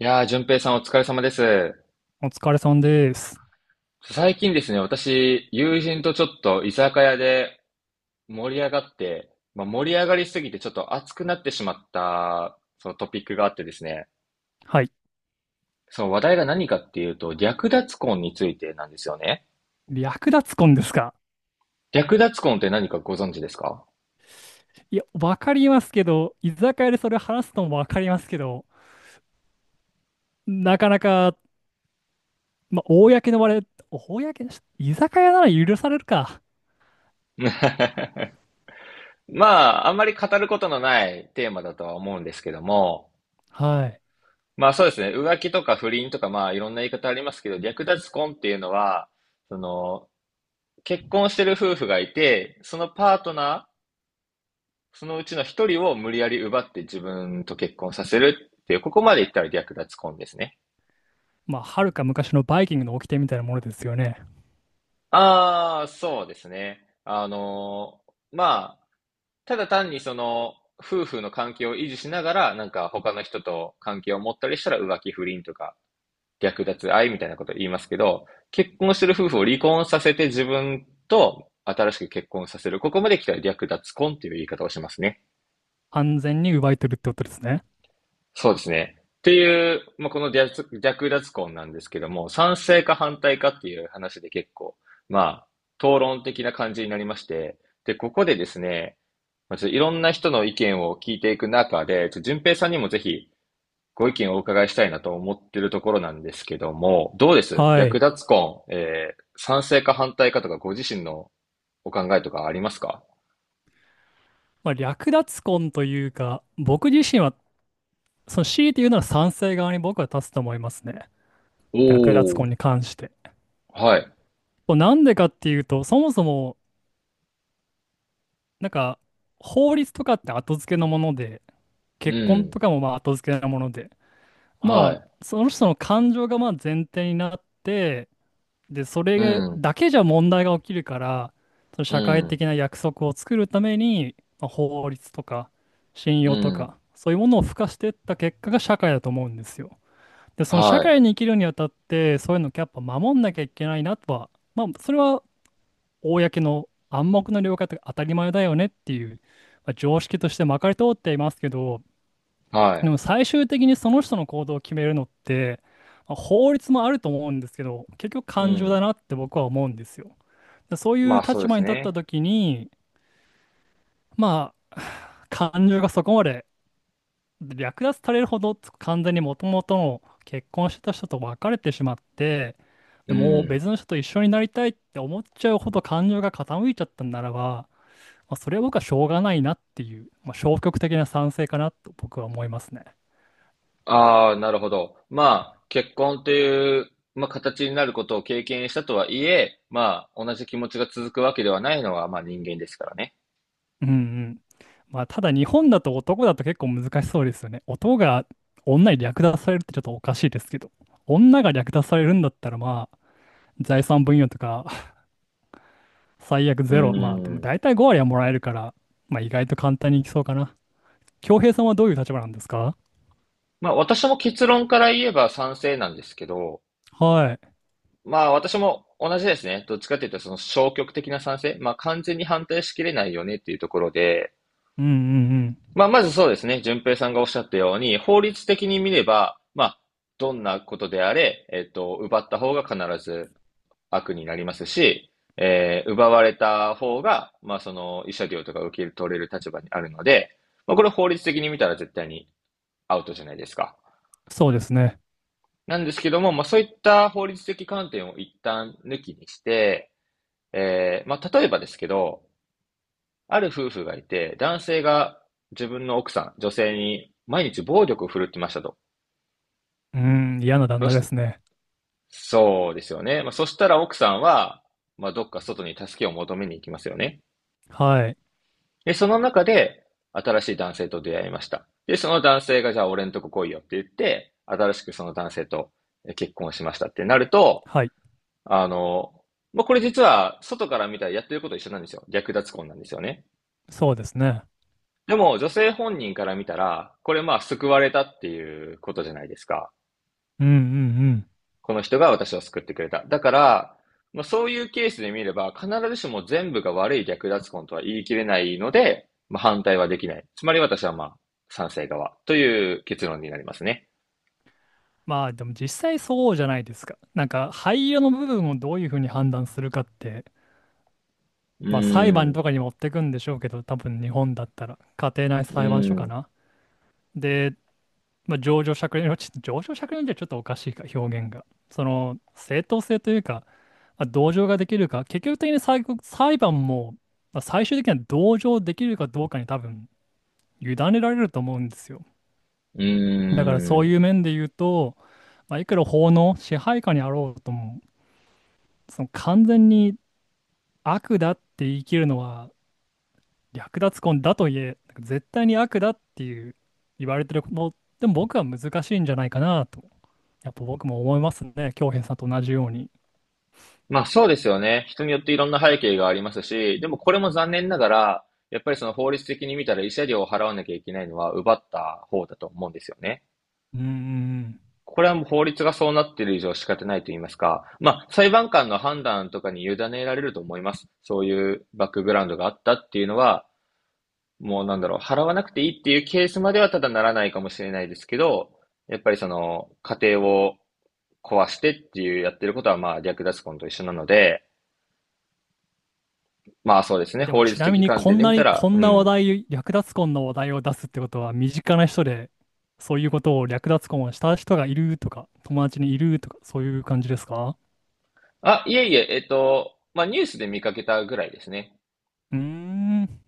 いやー、淳平さんお疲れ様です。お疲れさんです。最近ですね、私、友人とちょっと居酒屋で盛り上がって、まあ、盛り上がりすぎてちょっと熱くなってしまった、そのトピックがあってですね、はい。その話題が何かっていうと、略奪婚についてなんですよね。略奪婚ですか。略奪婚って何かご存知ですか？ いや、わかりますけど、居酒屋でそれ話すのもわかりますけど、なかなか、公の場で、公のし、居酒屋なら許されるか。まあ、あんまり語ることのないテーマだとは思うんですけども、はい。まあそうですね、浮気とか不倫とかまあいろんな言い方ありますけど、略奪婚っていうのは、その、結婚してる夫婦がいて、そのパートナー、そのうちの一人を無理やり奪って自分と結婚させるっていう、ここまで言ったら略奪婚ですね。まあ、はるか昔のバイキングの掟みたいなものですよね。ああ、そうですね。まあ、ただ単にその、夫婦の関係を維持しながら、なんか他の人と関係を持ったりしたら浮気不倫とか、略奪愛みたいなことを言いますけど、結婚してる夫婦を離婚させて自分と新しく結婚させる。ここまで来たら略奪婚っていう言い方をしますね。安全に奪い取るってことですね。そうですね。っていう、まあ、この略奪婚なんですけども、賛成か反対かっていう話で結構、まあ、討論的な感じになりまして、で、ここでですね、まあ、ちょっといろんな人の意見を聞いていく中で、ちょっと順平さんにもぜひご意見をお伺いしたいなと思ってるところなんですけども、どうですはい。略奪婚、賛成か反対かとかご自身のお考えとかありますか？まあ、略奪婚というか、僕自身は、強いて言うなら賛成側に僕は立つと思いますね。お略奪婚お、に関して。はい。こうなんでかっていうと、そもそも、なんか、法律とかって後付けのもので、う結婚ん。とかもまあ後付けなもので、はまい。あ、その人の感情がまあ前提になって、で、そうれん。だけじゃ問題が起きるから、そのう社会ん。的な約束を作るために、まあ、法律とか信う用とん。か、そういうものを付加していった結果が社会だと思うんですよ。で、その社は会に生きるにあたって、そういうのをやっぱ守んなきゃいけないなとは、まあ、それは公の暗黙の了解とか当たり前だよねっていう、まあ常識としてまかり通っていますけど、い、はい。でも最終的にその人の行動を決めるのって、まあ法律もあると思うんですけど、結局う感情だん。なって僕は思うんですよ。でそういまうあそ立うで場すに立ったね。時に、まあ、感情がそこまで略奪されるほど完全にもともとの結婚してた人と別れてしまって、うでもうん。別の人と一緒になりたいって思っちゃうほど感情が傾いちゃったんならば、まあ、それは僕はしょうがないなっていう、まあ、消極的な賛成かなと僕は思いますね。ああ、なるほど。まあ、結婚という、まあ、形になることを経験したとはいえ、まあ、同じ気持ちが続くわけではないのは、まあ人間ですからね。うんうん。まあ、ただ日本だと男だと結構難しそうですよね。男が女に略奪されるってちょっとおかしいですけど、女が略奪されるんだったらまあ、財産分与とか 最悪うゼロ、まあでもん。大体5割はもらえるから、まあ意外と簡単にいきそうかな。恭平さんはどういう立場なんですか？まあ私も結論から言えば賛成なんですけど、はい。まあ私も同じですね。どっちかというとその消極的な賛成、まあ完全に反対しきれないよねっていうところで、うんうんうん。まあ、まずそうですね。順平さんがおっしゃったように、法律的に見れば、まあ、どんなことであれ、奪った方が必ず悪になりますし、奪われた方が、まあ、その、慰謝料とか受け取れる立場にあるので、まあ、これ法律的に見たら絶対にアウトじゃないですか。そうですね。なんですけども、まあ、そういった法律的観点を一旦抜きにして、まあ、例えばですけど、ある夫婦がいて、男性が自分の奥さん、女性に毎日暴力を振るってましたと。うん、嫌な旦そ那でし、すね。そうですよね。まあ、そしたら奥さんは、まあ、どっか外に助けを求めに行きますよね。はい。で、その中で、新しい男性と出会いました。で、その男性が、じゃあ俺んとこ来いよって言って、新しくその男性と結婚しましたってなると、はい。あの、まあ、これ実は、外から見たらやってること一緒なんですよ。略奪婚なんですよね。そうですね。でも、女性本人から見たら、これまあ、救われたっていうことじゃないですか。うんうんうん。この人が私を救ってくれた。だから、まあ、そういうケースで見れば、必ずしも全部が悪い略奪婚とは言い切れないので、まあ、反対はできない。つまり私はまあ、賛成側という結論になりますね。まあでも実際そうじゃないですか。なんか廃油の部分をどういうふうに判断するかって、うまあ裁ー判ん、とかに持ってくんでしょうけど、多分日本だったら家庭内う裁判所ーかん、な。で、まあ、情状酌量、ちょっと情状酌量じゃちょっとおかしいか、表現が。その正当性というか、まあ、同情ができるか、結局的に最後、裁判も、まあ、最終的には同情できるかどうかに多分委ねられると思うんですよ。うだからーそういん。う面で言うと、まあ、いくら法の支配下にあろうとも、その完全に悪だって言い切るのは略奪婚だと言え、なんか絶対に悪だっていう言われてるの、でも僕は難しいんじゃないかなと、やっぱ僕も思いますね、京平さんと同じように。まあそうですよね。人によっていろんな背景がありますし、でもこれも残念ながら、やっぱりその法律的に見たら慰謝料を払わなきゃいけないのは奪った方だと思うんですよね。うんん。これはもう法律がそうなっている以上仕方ないと言いますか、まあ、裁判官の判断とかに委ねられると思います。そういうバックグラウンドがあったっていうのは、もうなんだろう、払わなくていいっていうケースまではただならないかもしれないですけど、やっぱりその、家庭を壊してっていうやってることは、まあ、略奪婚と一緒なので、まあそうですね、え、で法もち律なみ的に観こ点んで見なたにら、こうんな話ん。題、略奪婚の話題を出すってことは、身近な人でそういうことを略奪婚をした人がいるとか、友達にいるとか、そういう感じですか？あ、いえいえ、まあニュースで見かけたぐらいですね。うーん、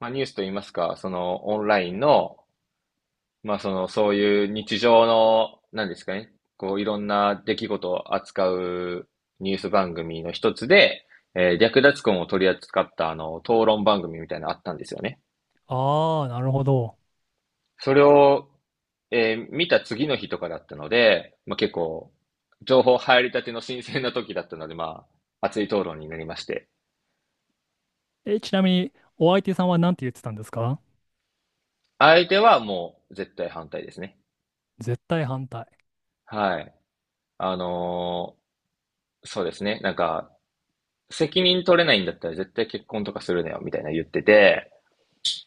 まあニュースと言いますか、そのオンラインの、まあ、その、そういう日常の、なんですかね、こう、いろんな出来事を扱うニュース番組の一つで、略奪婚を取り扱った、討論番組みたいなのあったんですよね。ああ、なるほど。それを、見た次の日とかだったので、まあ、結構、情報入りたての新鮮な時だったので、まあ、熱い討論になりまして。え、ちなみにお相手さんは何て言ってたんですか？相手はもう絶対反対ですね。絶対反対。はい。あのーそうですね。なんか、責任取れないんだったら絶対結婚とかするなよ、みたいな言ってて、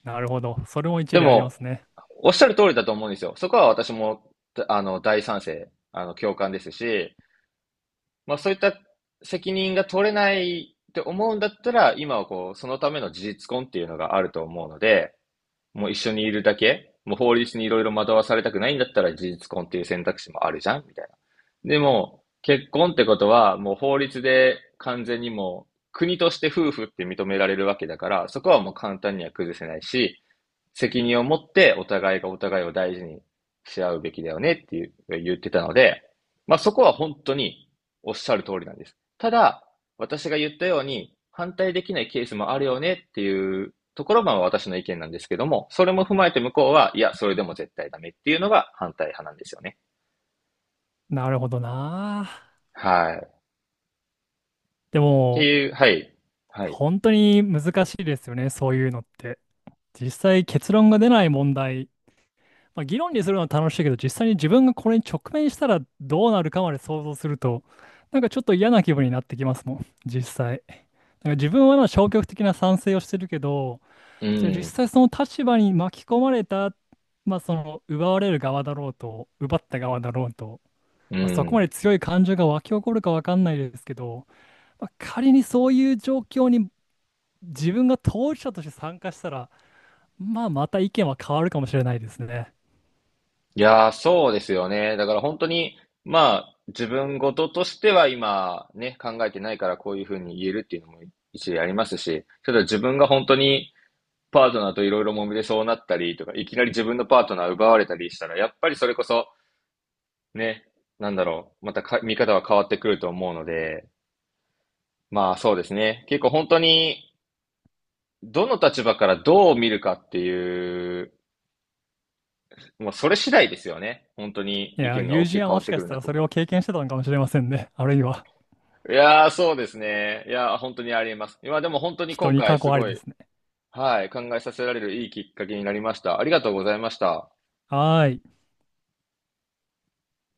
なるほど。それも一で理ありまも、すね。おっしゃる通りだと思うんですよ。そこは私も、大賛成、共感ですし、まあそういった責任が取れないって思うんだったら、今はこう、そのための事実婚っていうのがあると思うので、もう一緒にいるだけもう法律にいろいろ惑わされたくないんだったら事実婚っていう選択肢もあるじゃんみたいな。でも、結婚ってことは、もう法律で完全にもう国として夫婦って認められるわけだから、そこはもう簡単には崩せないし、責任を持ってお互いがお互いを大事にし合うべきだよねっていう言ってたので、まあそこは本当におっしゃる通りなんです。ただ、私が言ったように反対できないケースもあるよねっていうところが私の意見なんですけども、それも踏まえて向こうは、いや、それでも絶対ダメっていうのが反対派なんですよね。なるほどな。はい。っでても、いう、はい。はい。本当に難しいですよね。そういうのって。実際結論が出ない問題。まあ、議論にするのは楽しいけど、実際に自分がこれに直面したらどうなるかまで想像すると、なんかちょっと嫌な気分になってきますもん。実際。なんか自分はまあ消極的な賛成をしてるけど、うじゃあ実ん。際その立場に巻き込まれた、まあその奪われる側だろうと、奪った側だろうと。うまあ、そこまん。で強い感情が湧き起こるかわかんないですけど、まあ、仮にそういう状況に自分が当事者として参加したら、まあ、また意見は変わるかもしれないですね。いやー、そうですよね。だから本当に、まあ、自分事としては今、ね、考えてないからこういうふうに言えるっていうのも一理ありますし、ただ自分が本当にパートナーといろいろ揉めてそうなったりとか、いきなり自分のパートナー奪われたりしたら、やっぱりそれこそ、ね、なんだろう、またか見方は変わってくると思うので、まあそうですね。結構本当に、どの立場からどう見るかっていう、もうそれ次第ですよね。本当にい意や、見が友大き人くは変もわっしてくかしるたならとそれ思いをま経す。験してたのかもしれませんね。あるいは、いやー、そうですね。いやー、本当にありえます。いや、でも本当に人今に回過す去ありごでい、すね。はい、考えさせられるいいきっかけになりました。ありがとうございました。はーい。